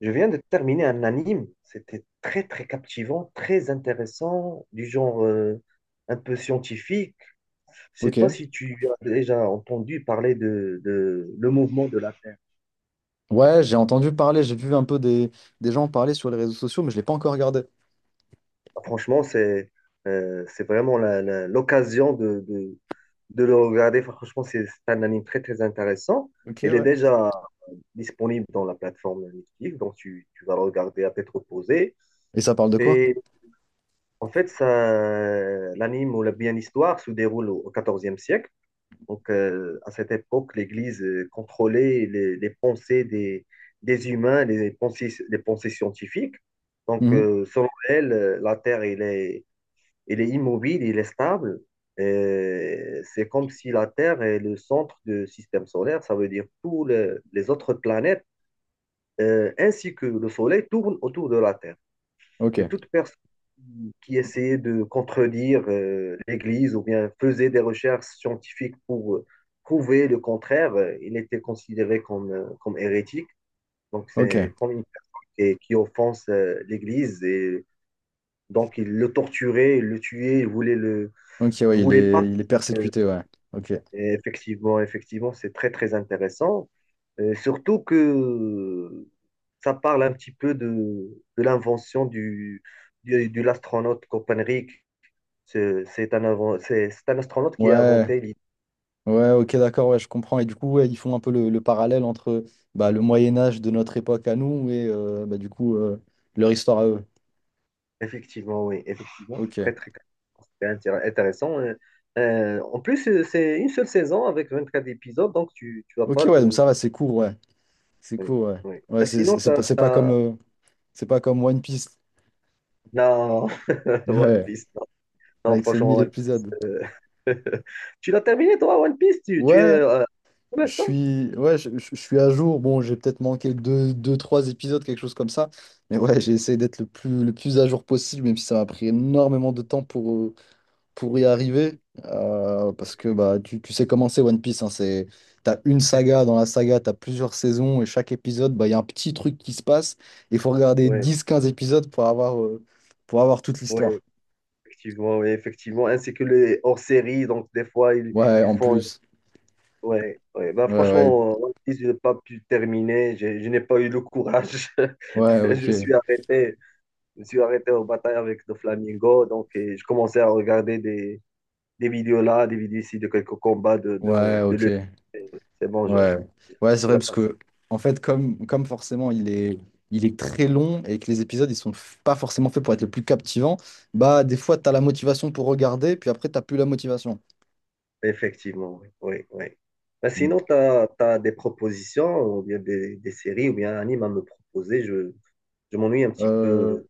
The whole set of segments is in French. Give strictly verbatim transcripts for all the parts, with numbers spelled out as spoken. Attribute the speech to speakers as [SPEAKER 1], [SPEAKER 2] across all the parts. [SPEAKER 1] Je viens de terminer un anime. C'était très, très captivant, très intéressant, du genre euh, un peu scientifique. Je sais pas
[SPEAKER 2] Ok.
[SPEAKER 1] si tu as déjà entendu parler de, de le mouvement de la Terre.
[SPEAKER 2] Ouais, j'ai entendu parler, j'ai vu un peu des, des gens parler sur les réseaux sociaux, mais je l'ai pas encore regardé.
[SPEAKER 1] Ah, franchement, c'est euh, c'est vraiment la- la- l'occasion de, de, de le regarder. Franchement, c'est c'est un anime très, très intéressant.
[SPEAKER 2] Ok,
[SPEAKER 1] Il est
[SPEAKER 2] ouais.
[SPEAKER 1] déjà disponible dans la plateforme Netflix, donc tu, tu vas le regarder à tête reposée.
[SPEAKER 2] Et ça parle de quoi?
[SPEAKER 1] Et en fait, ça, l'anime ou la bien l'histoire se déroule au quatorzième siècle. Donc, euh, à cette époque, l'Église euh, contrôlait les, les pensées des, des humains, les pensées, les pensées scientifiques. Donc,
[SPEAKER 2] Mhm.
[SPEAKER 1] euh, selon elle, euh, la Terre, elle est, elle est immobile, elle est stable. Et c'est comme si la Terre est le centre du système solaire, ça veut dire tous les, les autres planètes, euh, ainsi que le Soleil, tournent autour de la Terre.
[SPEAKER 2] Ok,
[SPEAKER 1] Et toute personne qui essayait de contredire euh, l'Église ou bien faisait des recherches scientifiques pour euh, prouver le contraire, euh, il était considéré comme, euh, comme hérétique. Donc
[SPEAKER 2] ok,
[SPEAKER 1] c'est comme une personne qui, qui offense euh, l'Église et donc il le torturait, il le tuait, il voulait le
[SPEAKER 2] ok,
[SPEAKER 1] il
[SPEAKER 2] ouais, il
[SPEAKER 1] voulait pas.
[SPEAKER 2] est, il est
[SPEAKER 1] euh,
[SPEAKER 2] persécuté, ouais. Ok.
[SPEAKER 1] et Effectivement, effectivement, c'est très très intéressant. Euh, surtout que ça parle un petit peu de, de l'invention du, du, de l'astronaute Copernic. C'est c'est un, inven- c'est c'est un astronaute qui a
[SPEAKER 2] Ouais,
[SPEAKER 1] inventé l'idée.
[SPEAKER 2] ouais, ok, d'accord, ouais, je comprends. Et du coup, ouais, ils font un peu le, le parallèle entre bah, le Moyen-Âge de notre époque à nous et euh, bah, du coup, euh, leur histoire à eux.
[SPEAKER 1] Effectivement, oui, effectivement, c'est
[SPEAKER 2] Ok.
[SPEAKER 1] très très très intér- intéressant. Euh, euh, en plus, euh, c'est une seule saison avec vingt-quatre épisodes, donc tu tu vas
[SPEAKER 2] Ok,
[SPEAKER 1] pas
[SPEAKER 2] ouais, donc
[SPEAKER 1] te.
[SPEAKER 2] ça va, c'est court, ouais. C'est
[SPEAKER 1] Oui,
[SPEAKER 2] court, ouais.
[SPEAKER 1] oui.
[SPEAKER 2] Ouais,
[SPEAKER 1] Ah,
[SPEAKER 2] c'est
[SPEAKER 1] sinon,
[SPEAKER 2] c'est- c'est
[SPEAKER 1] t'as,
[SPEAKER 2] pas, c'est pas comme,
[SPEAKER 1] t'as...
[SPEAKER 2] euh, c'est pas comme One Piece.
[SPEAKER 1] Non, One
[SPEAKER 2] Ouais,
[SPEAKER 1] Piece. Non,
[SPEAKER 2] avec ses
[SPEAKER 1] franchement,
[SPEAKER 2] mille
[SPEAKER 1] One Piece.
[SPEAKER 2] épisodes.
[SPEAKER 1] euh, Tu l'as terminé, toi, One Piece? Tu, tu es
[SPEAKER 2] Ouais.
[SPEAKER 1] euh, pour
[SPEAKER 2] Je
[SPEAKER 1] l'instant?
[SPEAKER 2] suis, ouais, je, je- je suis à jour. Bon, j'ai peut-être manqué deux, deux, trois épisodes, quelque chose comme ça. Mais ouais, j'ai essayé d'être le plus, le plus à jour possible, même si ça m'a pris énormément de temps pour, euh, pour y arriver. Euh, parce que bah, tu, tu sais comment c'est One Piece. Hein, c'est, t'as une saga, dans la saga, t'as plusieurs saisons, et chaque épisode, bah, il y a un petit truc qui se passe. Il faut regarder
[SPEAKER 1] Oui,
[SPEAKER 2] dix quinze épisodes pour avoir, euh, pour avoir toute
[SPEAKER 1] oui,
[SPEAKER 2] l'histoire.
[SPEAKER 1] effectivement, oui, effectivement. Ainsi que les hors-séries, donc des fois, ils,
[SPEAKER 2] Ouais,
[SPEAKER 1] ils
[SPEAKER 2] en
[SPEAKER 1] font.
[SPEAKER 2] plus.
[SPEAKER 1] Ouais, ouais. Bah,
[SPEAKER 2] Ouais, ouais.
[SPEAKER 1] franchement, One Piece, je n'ai pas pu terminer. J'ai- Je n'ai pas eu le courage.
[SPEAKER 2] Ouais,
[SPEAKER 1] Je
[SPEAKER 2] ok.
[SPEAKER 1] me suis arrêté. Je me suis arrêté aux batailles avec le Flamingo. Donc, et je commençais à regarder des, des vidéos là, des vidéos ici de quelques combats de,
[SPEAKER 2] Ouais,
[SPEAKER 1] de, de
[SPEAKER 2] ok.
[SPEAKER 1] l'U F C. C'est bon, je,
[SPEAKER 2] Ouais,
[SPEAKER 1] je
[SPEAKER 2] ouais, c'est vrai
[SPEAKER 1] la
[SPEAKER 2] parce
[SPEAKER 1] passe.
[SPEAKER 2] que en fait, comme, comme forcément il est, il est très long et que les épisodes ils sont f- pas forcément faits pour être les plus captivants, bah des fois t'as la motivation pour regarder, puis après t'as plus la motivation.
[SPEAKER 1] Effectivement, oui, oui, oui. Ben,
[SPEAKER 2] Mm.
[SPEAKER 1] sinon, tu as, des propositions ou bien des, des séries ou bien un anime à me proposer. Je, je m'ennuie un petit
[SPEAKER 2] Euh,
[SPEAKER 1] peu.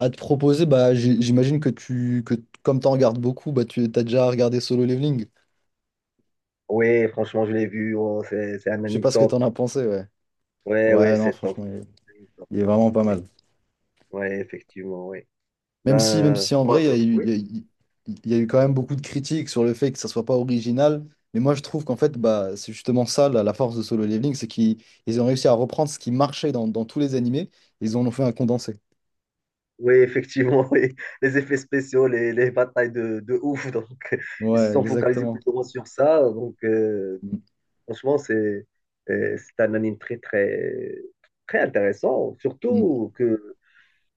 [SPEAKER 2] à te proposer, bah j- j'imagine que tu que t- comme t'en regardes beaucoup, bah tu t'as déjà regardé Solo Leveling.
[SPEAKER 1] Oui, franchement, je l'ai vu. Oh, c'est, c'est un
[SPEAKER 2] Je sais
[SPEAKER 1] anime
[SPEAKER 2] pas ce que t'en
[SPEAKER 1] top.
[SPEAKER 2] as pensé, ouais.
[SPEAKER 1] Oui,
[SPEAKER 2] Ouais,
[SPEAKER 1] oui,
[SPEAKER 2] non,
[SPEAKER 1] c'est top.
[SPEAKER 2] franchement, il est,
[SPEAKER 1] C'est un anime top,
[SPEAKER 2] il est vraiment pas
[SPEAKER 1] oui.
[SPEAKER 2] mal.
[SPEAKER 1] Ouais, effectivement, oui.
[SPEAKER 2] Même si, même
[SPEAKER 1] Ben,
[SPEAKER 2] si en
[SPEAKER 1] quoi
[SPEAKER 2] vrai, il y a
[SPEAKER 1] d'autre?
[SPEAKER 2] eu,
[SPEAKER 1] Oui.
[SPEAKER 2] il y a eu- il y a eu quand même beaucoup de critiques sur le fait que ça soit pas original. Mais moi, je trouve qu'en fait, bah, c'est justement ça, la, la force de Solo Leveling, c'est qu'ils ils ont réussi à reprendre ce qui marchait dans, dans tous les animés, ils en ont fait un condensé.
[SPEAKER 1] Oui, effectivement, oui. Les effets spéciaux, les, les batailles de, de ouf. Donc, ils se
[SPEAKER 2] Ouais,
[SPEAKER 1] sont focalisés
[SPEAKER 2] exactement.
[SPEAKER 1] plus ou moins sur ça. Donc, euh,
[SPEAKER 2] Mm,
[SPEAKER 1] franchement, c'est euh, c'est un anime très, très, très intéressant.
[SPEAKER 2] mm.
[SPEAKER 1] Surtout que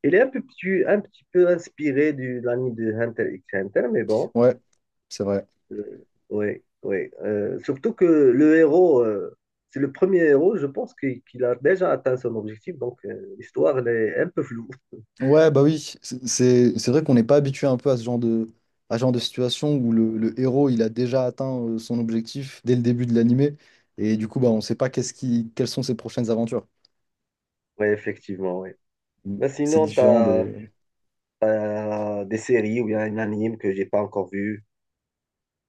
[SPEAKER 1] il est un peu, petit- un petit peu inspiré du- de l'anime de Hunter x Hunter, mais bon.
[SPEAKER 2] Ouais, c'est vrai.
[SPEAKER 1] euh, oui, oui. Euh, surtout que le héros, euh, c'est le premier héros, je pense, qu'il qu'il a déjà atteint son objectif. Donc, euh, l'histoire, elle est un peu floue.
[SPEAKER 2] Ouais, bah oui, c'est c'est- c'est vrai qu'on n'est pas habitué un peu à ce genre de, à ce genre de situation où le, le héros, il a déjà atteint euh, son objectif dès le début de l'animé, et du coup, bah, on ne sait pas qu'est-ce qui, quelles sont ses prochaines aventures.
[SPEAKER 1] Oui, effectivement, oui.
[SPEAKER 2] Mm,
[SPEAKER 1] Mais
[SPEAKER 2] c'est
[SPEAKER 1] sinon, tu
[SPEAKER 2] différent
[SPEAKER 1] as,
[SPEAKER 2] des…
[SPEAKER 1] Euh, des séries ou bien un anime que j'ai pas encore vu.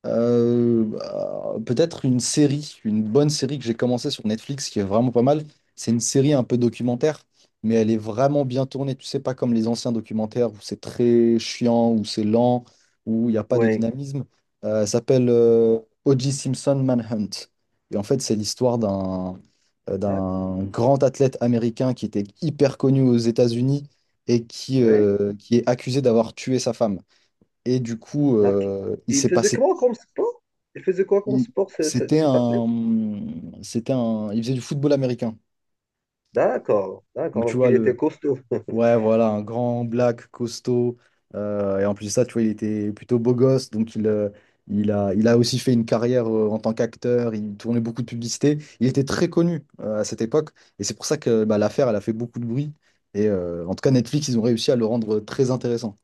[SPEAKER 2] Euh, bah, peut-être une série, une bonne série que j'ai commencé sur Netflix qui est vraiment pas mal. C'est une série un peu documentaire, mais elle est vraiment bien tournée. Tu sais, pas comme les anciens documentaires où c'est très chiant, où c'est lent, où il n'y a pas de
[SPEAKER 1] Oui,
[SPEAKER 2] dynamisme. Euh, elle s'appelle euh, O J. Simpson Manhunt. Et en fait, c'est l'histoire d'un euh,
[SPEAKER 1] d'accord.
[SPEAKER 2] d'un grand athlète américain qui était hyper connu aux États-Unis et qui,
[SPEAKER 1] Oui.
[SPEAKER 2] euh, qui est accusé d'avoir tué sa femme. Et du coup,
[SPEAKER 1] Nat-
[SPEAKER 2] euh, il
[SPEAKER 1] Il
[SPEAKER 2] s'est
[SPEAKER 1] faisait
[SPEAKER 2] passé
[SPEAKER 1] quoi comme sport? Il faisait quoi comme
[SPEAKER 2] il-
[SPEAKER 1] sport, ce- ce-
[SPEAKER 2] c'était
[SPEAKER 1] cet
[SPEAKER 2] un,
[SPEAKER 1] athlète?
[SPEAKER 2] c'était un, il faisait du football américain.
[SPEAKER 1] D'accord,
[SPEAKER 2] Donc
[SPEAKER 1] d'accord.
[SPEAKER 2] tu
[SPEAKER 1] Donc
[SPEAKER 2] vois
[SPEAKER 1] il
[SPEAKER 2] le,
[SPEAKER 1] était costaud.
[SPEAKER 2] ouais voilà, un grand black costaud. Euh, et en plus de ça, tu vois, il était plutôt beau gosse, donc il, euh, il a, il a aussi fait une carrière euh, en tant qu'acteur. Il tournait beaucoup de publicités. Il était très connu euh, à cette époque, et c'est pour ça que bah, l'affaire, elle a fait beaucoup de bruit. Et euh, en tout cas, Netflix, ils ont réussi à le rendre très intéressant.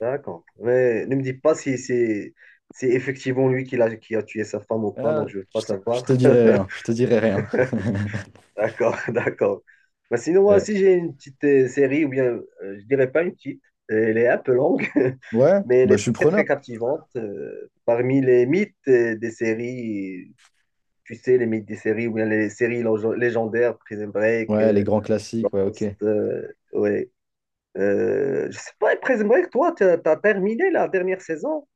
[SPEAKER 1] D'accord. Mais ne me dis pas si c'est c'est effectivement lui qui l'a- qui a tué sa femme ou pas,
[SPEAKER 2] Ah,
[SPEAKER 1] donc je veux pas
[SPEAKER 2] je te, je
[SPEAKER 1] savoir.
[SPEAKER 2] te dirai rien, je te dirai rien.
[SPEAKER 1] D'accord, d'accord. Bah, sinon, moi
[SPEAKER 2] Ouais.
[SPEAKER 1] aussi, j'ai une petite euh, série, ou bien, euh, je dirais pas une petite, euh, elle est un peu longue,
[SPEAKER 2] Ouais,
[SPEAKER 1] mais elle
[SPEAKER 2] bah,
[SPEAKER 1] est
[SPEAKER 2] je suis
[SPEAKER 1] très, très
[SPEAKER 2] preneur.
[SPEAKER 1] captivante. Euh, parmi les mythes euh, des séries, tu sais, les mythes des séries, ou bien les séries lég- légendaires, Prison Break,
[SPEAKER 2] Ouais, les
[SPEAKER 1] euh,
[SPEAKER 2] grands classiques, ouais, ok.
[SPEAKER 1] Lost, euh, ouais. Euh, je sais pas, Prison Break, toi, tu as terminé la dernière saison,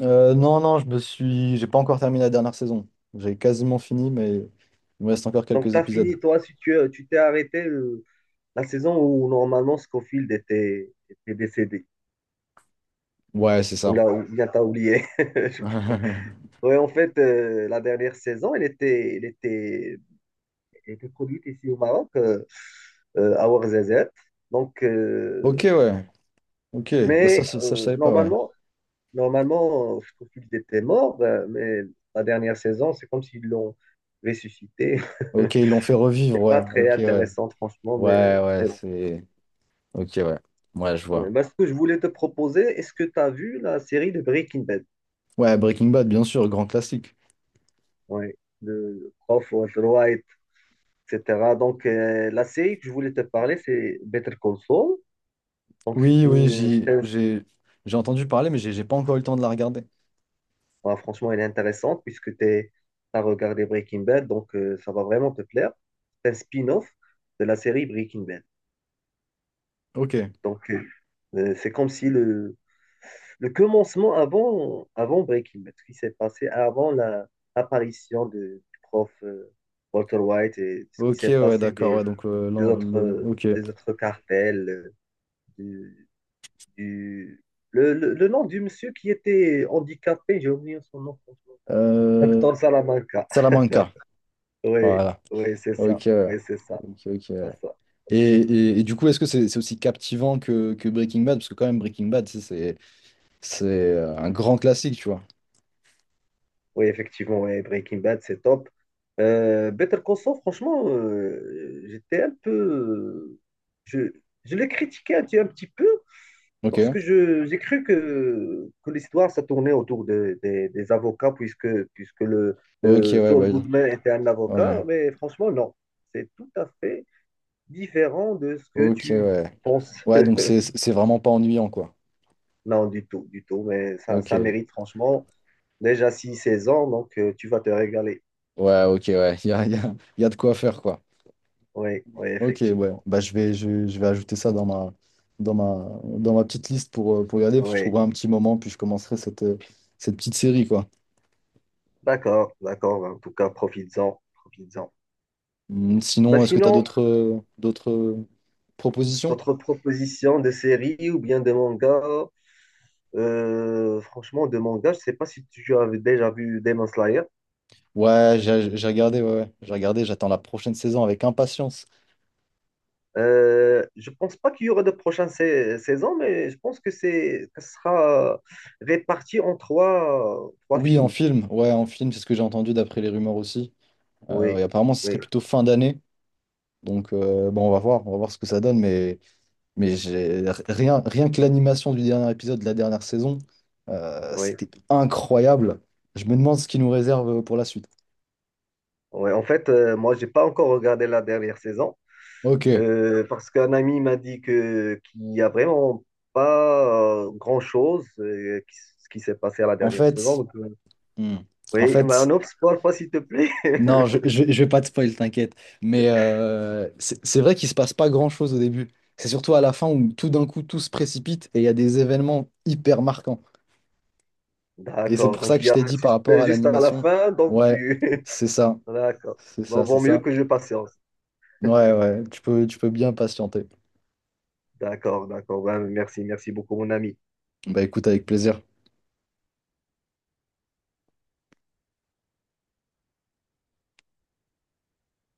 [SPEAKER 2] Euh, non, non, je me suis. J'ai pas encore terminé la dernière saison. J'ai quasiment fini, mais il me reste encore
[SPEAKER 1] donc
[SPEAKER 2] quelques
[SPEAKER 1] tu as
[SPEAKER 2] épisodes.
[SPEAKER 1] fini, toi, si tu euh, tu t'es arrêté euh, la saison où normalement Scofield était, était décédé.
[SPEAKER 2] Ouais, c'est
[SPEAKER 1] On
[SPEAKER 2] ça.
[SPEAKER 1] l'a ou- bien t'as oublié. Je- Ouais, en fait, euh, la dernière saison, elle était, elle était, elle était produite ici au Maroc, euh, euh, à Ouarzazate. Donc,
[SPEAKER 2] Ok,
[SPEAKER 1] euh,
[SPEAKER 2] ouais. Ok. Bah, ça,
[SPEAKER 1] mais
[SPEAKER 2] ça, ça, je
[SPEAKER 1] euh,
[SPEAKER 2] savais pas, ouais.
[SPEAKER 1] normalement, normalement, euh, je trouve qu'ils étaient morts, euh, mais la dernière saison, c'est comme s'ils l'ont ressuscité.
[SPEAKER 2] Ok, ils l'ont fait revivre,
[SPEAKER 1] C'est pas
[SPEAKER 2] ouais.
[SPEAKER 1] très
[SPEAKER 2] Ok, ouais.
[SPEAKER 1] intéressant, franchement, mais,
[SPEAKER 2] Ouais, ouais,
[SPEAKER 1] mais bon.
[SPEAKER 2] c'est. Ok, ouais. Ouais, je
[SPEAKER 1] Ouais,
[SPEAKER 2] vois.
[SPEAKER 1] bah, ce que je voulais te proposer, est-ce que tu as vu la série de Breaking Bad?
[SPEAKER 2] Ouais, Breaking Bad, bien sûr, grand classique.
[SPEAKER 1] Ouais, de professeur Walter White et cetera. Donc, euh, la série que je voulais te parler, c'est Better Call Saul. Donc, c'est
[SPEAKER 2] Oui, oui,
[SPEAKER 1] une
[SPEAKER 2] j'y-
[SPEAKER 1] série
[SPEAKER 2] j'ai j'ai entendu parler, mais j'ai j'ai pas encore eu le temps de la regarder.
[SPEAKER 1] bah, franchement, elle est intéressante puisque tu as regardé Breaking Bad, donc euh, ça va vraiment te plaire. C'est un spin-off de la série Breaking Bad.
[SPEAKER 2] Ok.
[SPEAKER 1] Donc, euh, euh, c'est comme si le, le commencement avant, avant Breaking Bad, ce qui s'est passé avant la- l'apparition de- du prof euh, Walter White et ce qui
[SPEAKER 2] Ok,
[SPEAKER 1] s'est
[SPEAKER 2] ouais,
[SPEAKER 1] passé
[SPEAKER 2] d'accord,
[SPEAKER 1] des,
[SPEAKER 2] ouais. Donc, euh,
[SPEAKER 1] des
[SPEAKER 2] l'en-
[SPEAKER 1] autres,
[SPEAKER 2] le…
[SPEAKER 1] euh,
[SPEAKER 2] ok.
[SPEAKER 1] des autres cartels, euh, du- le, le- le nom du monsieur qui était handicapé, j'ai oublié son nom, franchement.
[SPEAKER 2] Euh…
[SPEAKER 1] Hector Salamanca.
[SPEAKER 2] Salamanca.
[SPEAKER 1] Oui,
[SPEAKER 2] Voilà.
[SPEAKER 1] oui, c'est ça.
[SPEAKER 2] Ok, ouais.
[SPEAKER 1] Oui, c'est ça.
[SPEAKER 2] Ok, ok,
[SPEAKER 1] C'est
[SPEAKER 2] ouais.
[SPEAKER 1] ça.
[SPEAKER 2] Et,
[SPEAKER 1] C'est ça.
[SPEAKER 2] et, et du coup, est-ce que c'est c'est aussi captivant que, que Breaking Bad? Parce que quand même, Breaking Bad, tu sais, c'est c'est euh, un grand classique, tu vois.
[SPEAKER 1] Oui, effectivement, ouais, Breaking Bad, c'est top. Euh, Better Call Saul, franchement, euh, j'étais un peu. Je, je l'ai critiqué un petit, un petit peu parce
[SPEAKER 2] Ok,
[SPEAKER 1] que je, j'ai cru que, que l'histoire, ça tournait autour de- des des avocats, puisque, puisque le,
[SPEAKER 2] ok,
[SPEAKER 1] euh,
[SPEAKER 2] ouais,
[SPEAKER 1] Saul
[SPEAKER 2] bah oui.
[SPEAKER 1] Goodman était un avocat,
[SPEAKER 2] Ouais.
[SPEAKER 1] mais franchement, non. C'est tout à fait différent de ce que
[SPEAKER 2] Ok,
[SPEAKER 1] tu
[SPEAKER 2] ouais.
[SPEAKER 1] penses.
[SPEAKER 2] Ouais, donc c'est c'est vraiment pas ennuyant, quoi.
[SPEAKER 1] Non, du tout, du tout, mais ça, ça
[SPEAKER 2] Ok,
[SPEAKER 1] mérite franchement déjà six seize ans, donc euh, tu vas te régaler.
[SPEAKER 2] ouais, ok, ouais. Il y a, y a, y a de quoi faire, quoi.
[SPEAKER 1] Oui, oui,
[SPEAKER 2] Ok, ouais.
[SPEAKER 1] effectivement.
[SPEAKER 2] Bah, je vais, je, vais je vais ajouter ça dans ma, dans ma, dans ma petite liste pour, euh, pour regarder. Puis je
[SPEAKER 1] Oui,
[SPEAKER 2] trouverai un petit moment, puis je commencerai cette, euh, cette petite série, quoi.
[SPEAKER 1] d'accord, d'accord. En tout cas, profites-en, profites-en.
[SPEAKER 2] Mm.
[SPEAKER 1] Bah,
[SPEAKER 2] Sinon, est-ce que tu as
[SPEAKER 1] sinon,
[SPEAKER 2] d'autres euh, d'autres euh, propositions?
[SPEAKER 1] votre proposition de série ou bien de manga, euh, franchement, de manga, je sais pas si tu as déjà vu Demon Slayer.
[SPEAKER 2] Ouais, j'ai j'ai regardé, ouais, ouais, j'ai regardé, j'attends la prochaine saison avec impatience.
[SPEAKER 1] Euh, je pense pas qu'il y aura de prochaines sais- saisons, mais je pense que c'est que ce sera euh, réparti en trois, euh, trois
[SPEAKER 2] Oui, en
[SPEAKER 1] films.
[SPEAKER 2] film, ouais, en film, c'est ce que j'ai entendu d'après les rumeurs aussi. Euh, et
[SPEAKER 1] Oui,
[SPEAKER 2] apparemment, ce serait
[SPEAKER 1] oui,
[SPEAKER 2] plutôt fin d'année. Donc, euh, bon, on va voir, on va voir ce que ça donne, mais, mais j'ai rien, rien que l'animation du dernier épisode de la dernière saison, euh,
[SPEAKER 1] oui.
[SPEAKER 2] c'était incroyable. Je me demande ce qu'ils nous réserve pour la suite.
[SPEAKER 1] Ouais. En fait, euh, moi, j'ai pas encore regardé la dernière saison
[SPEAKER 2] Ok,
[SPEAKER 1] euh, parce qu'un ami m'a dit que qu'il y a vraiment pas euh, grand-chose euh, qui, s- qui s'est passé à la
[SPEAKER 2] en
[SPEAKER 1] dernière saison.
[SPEAKER 2] fait,
[SPEAKER 1] Donc, euh,
[SPEAKER 2] hmm, en
[SPEAKER 1] oui, bah,
[SPEAKER 2] fait.
[SPEAKER 1] un autre spoil, pas s'il te plaît.
[SPEAKER 2] Non, je, je, je vais pas te spoil, t'inquiète. Mais euh, c'est c'est vrai qu'il se passe pas grand-chose au début. C'est surtout à la fin où tout d'un coup tout se précipite et il y a des événements hyper marquants. Et c'est
[SPEAKER 1] D'accord.
[SPEAKER 2] pour ça
[SPEAKER 1] Donc,
[SPEAKER 2] que
[SPEAKER 1] il y
[SPEAKER 2] je
[SPEAKER 1] a
[SPEAKER 2] t'ai
[SPEAKER 1] un
[SPEAKER 2] dit par rapport
[SPEAKER 1] suspect
[SPEAKER 2] à
[SPEAKER 1] juste à la
[SPEAKER 2] l'animation,
[SPEAKER 1] fin, donc
[SPEAKER 2] ouais,
[SPEAKER 1] tu.
[SPEAKER 2] c'est ça,
[SPEAKER 1] D'accord.
[SPEAKER 2] c'est
[SPEAKER 1] Bon,
[SPEAKER 2] ça, c'est
[SPEAKER 1] vaut mieux
[SPEAKER 2] ça.
[SPEAKER 1] que je patiente.
[SPEAKER 2] Ouais, ouais, tu peux, tu peux bien patienter.
[SPEAKER 1] D'accord, d'accord. Ben, merci, merci beaucoup, mon ami.
[SPEAKER 2] Bah écoute, avec plaisir.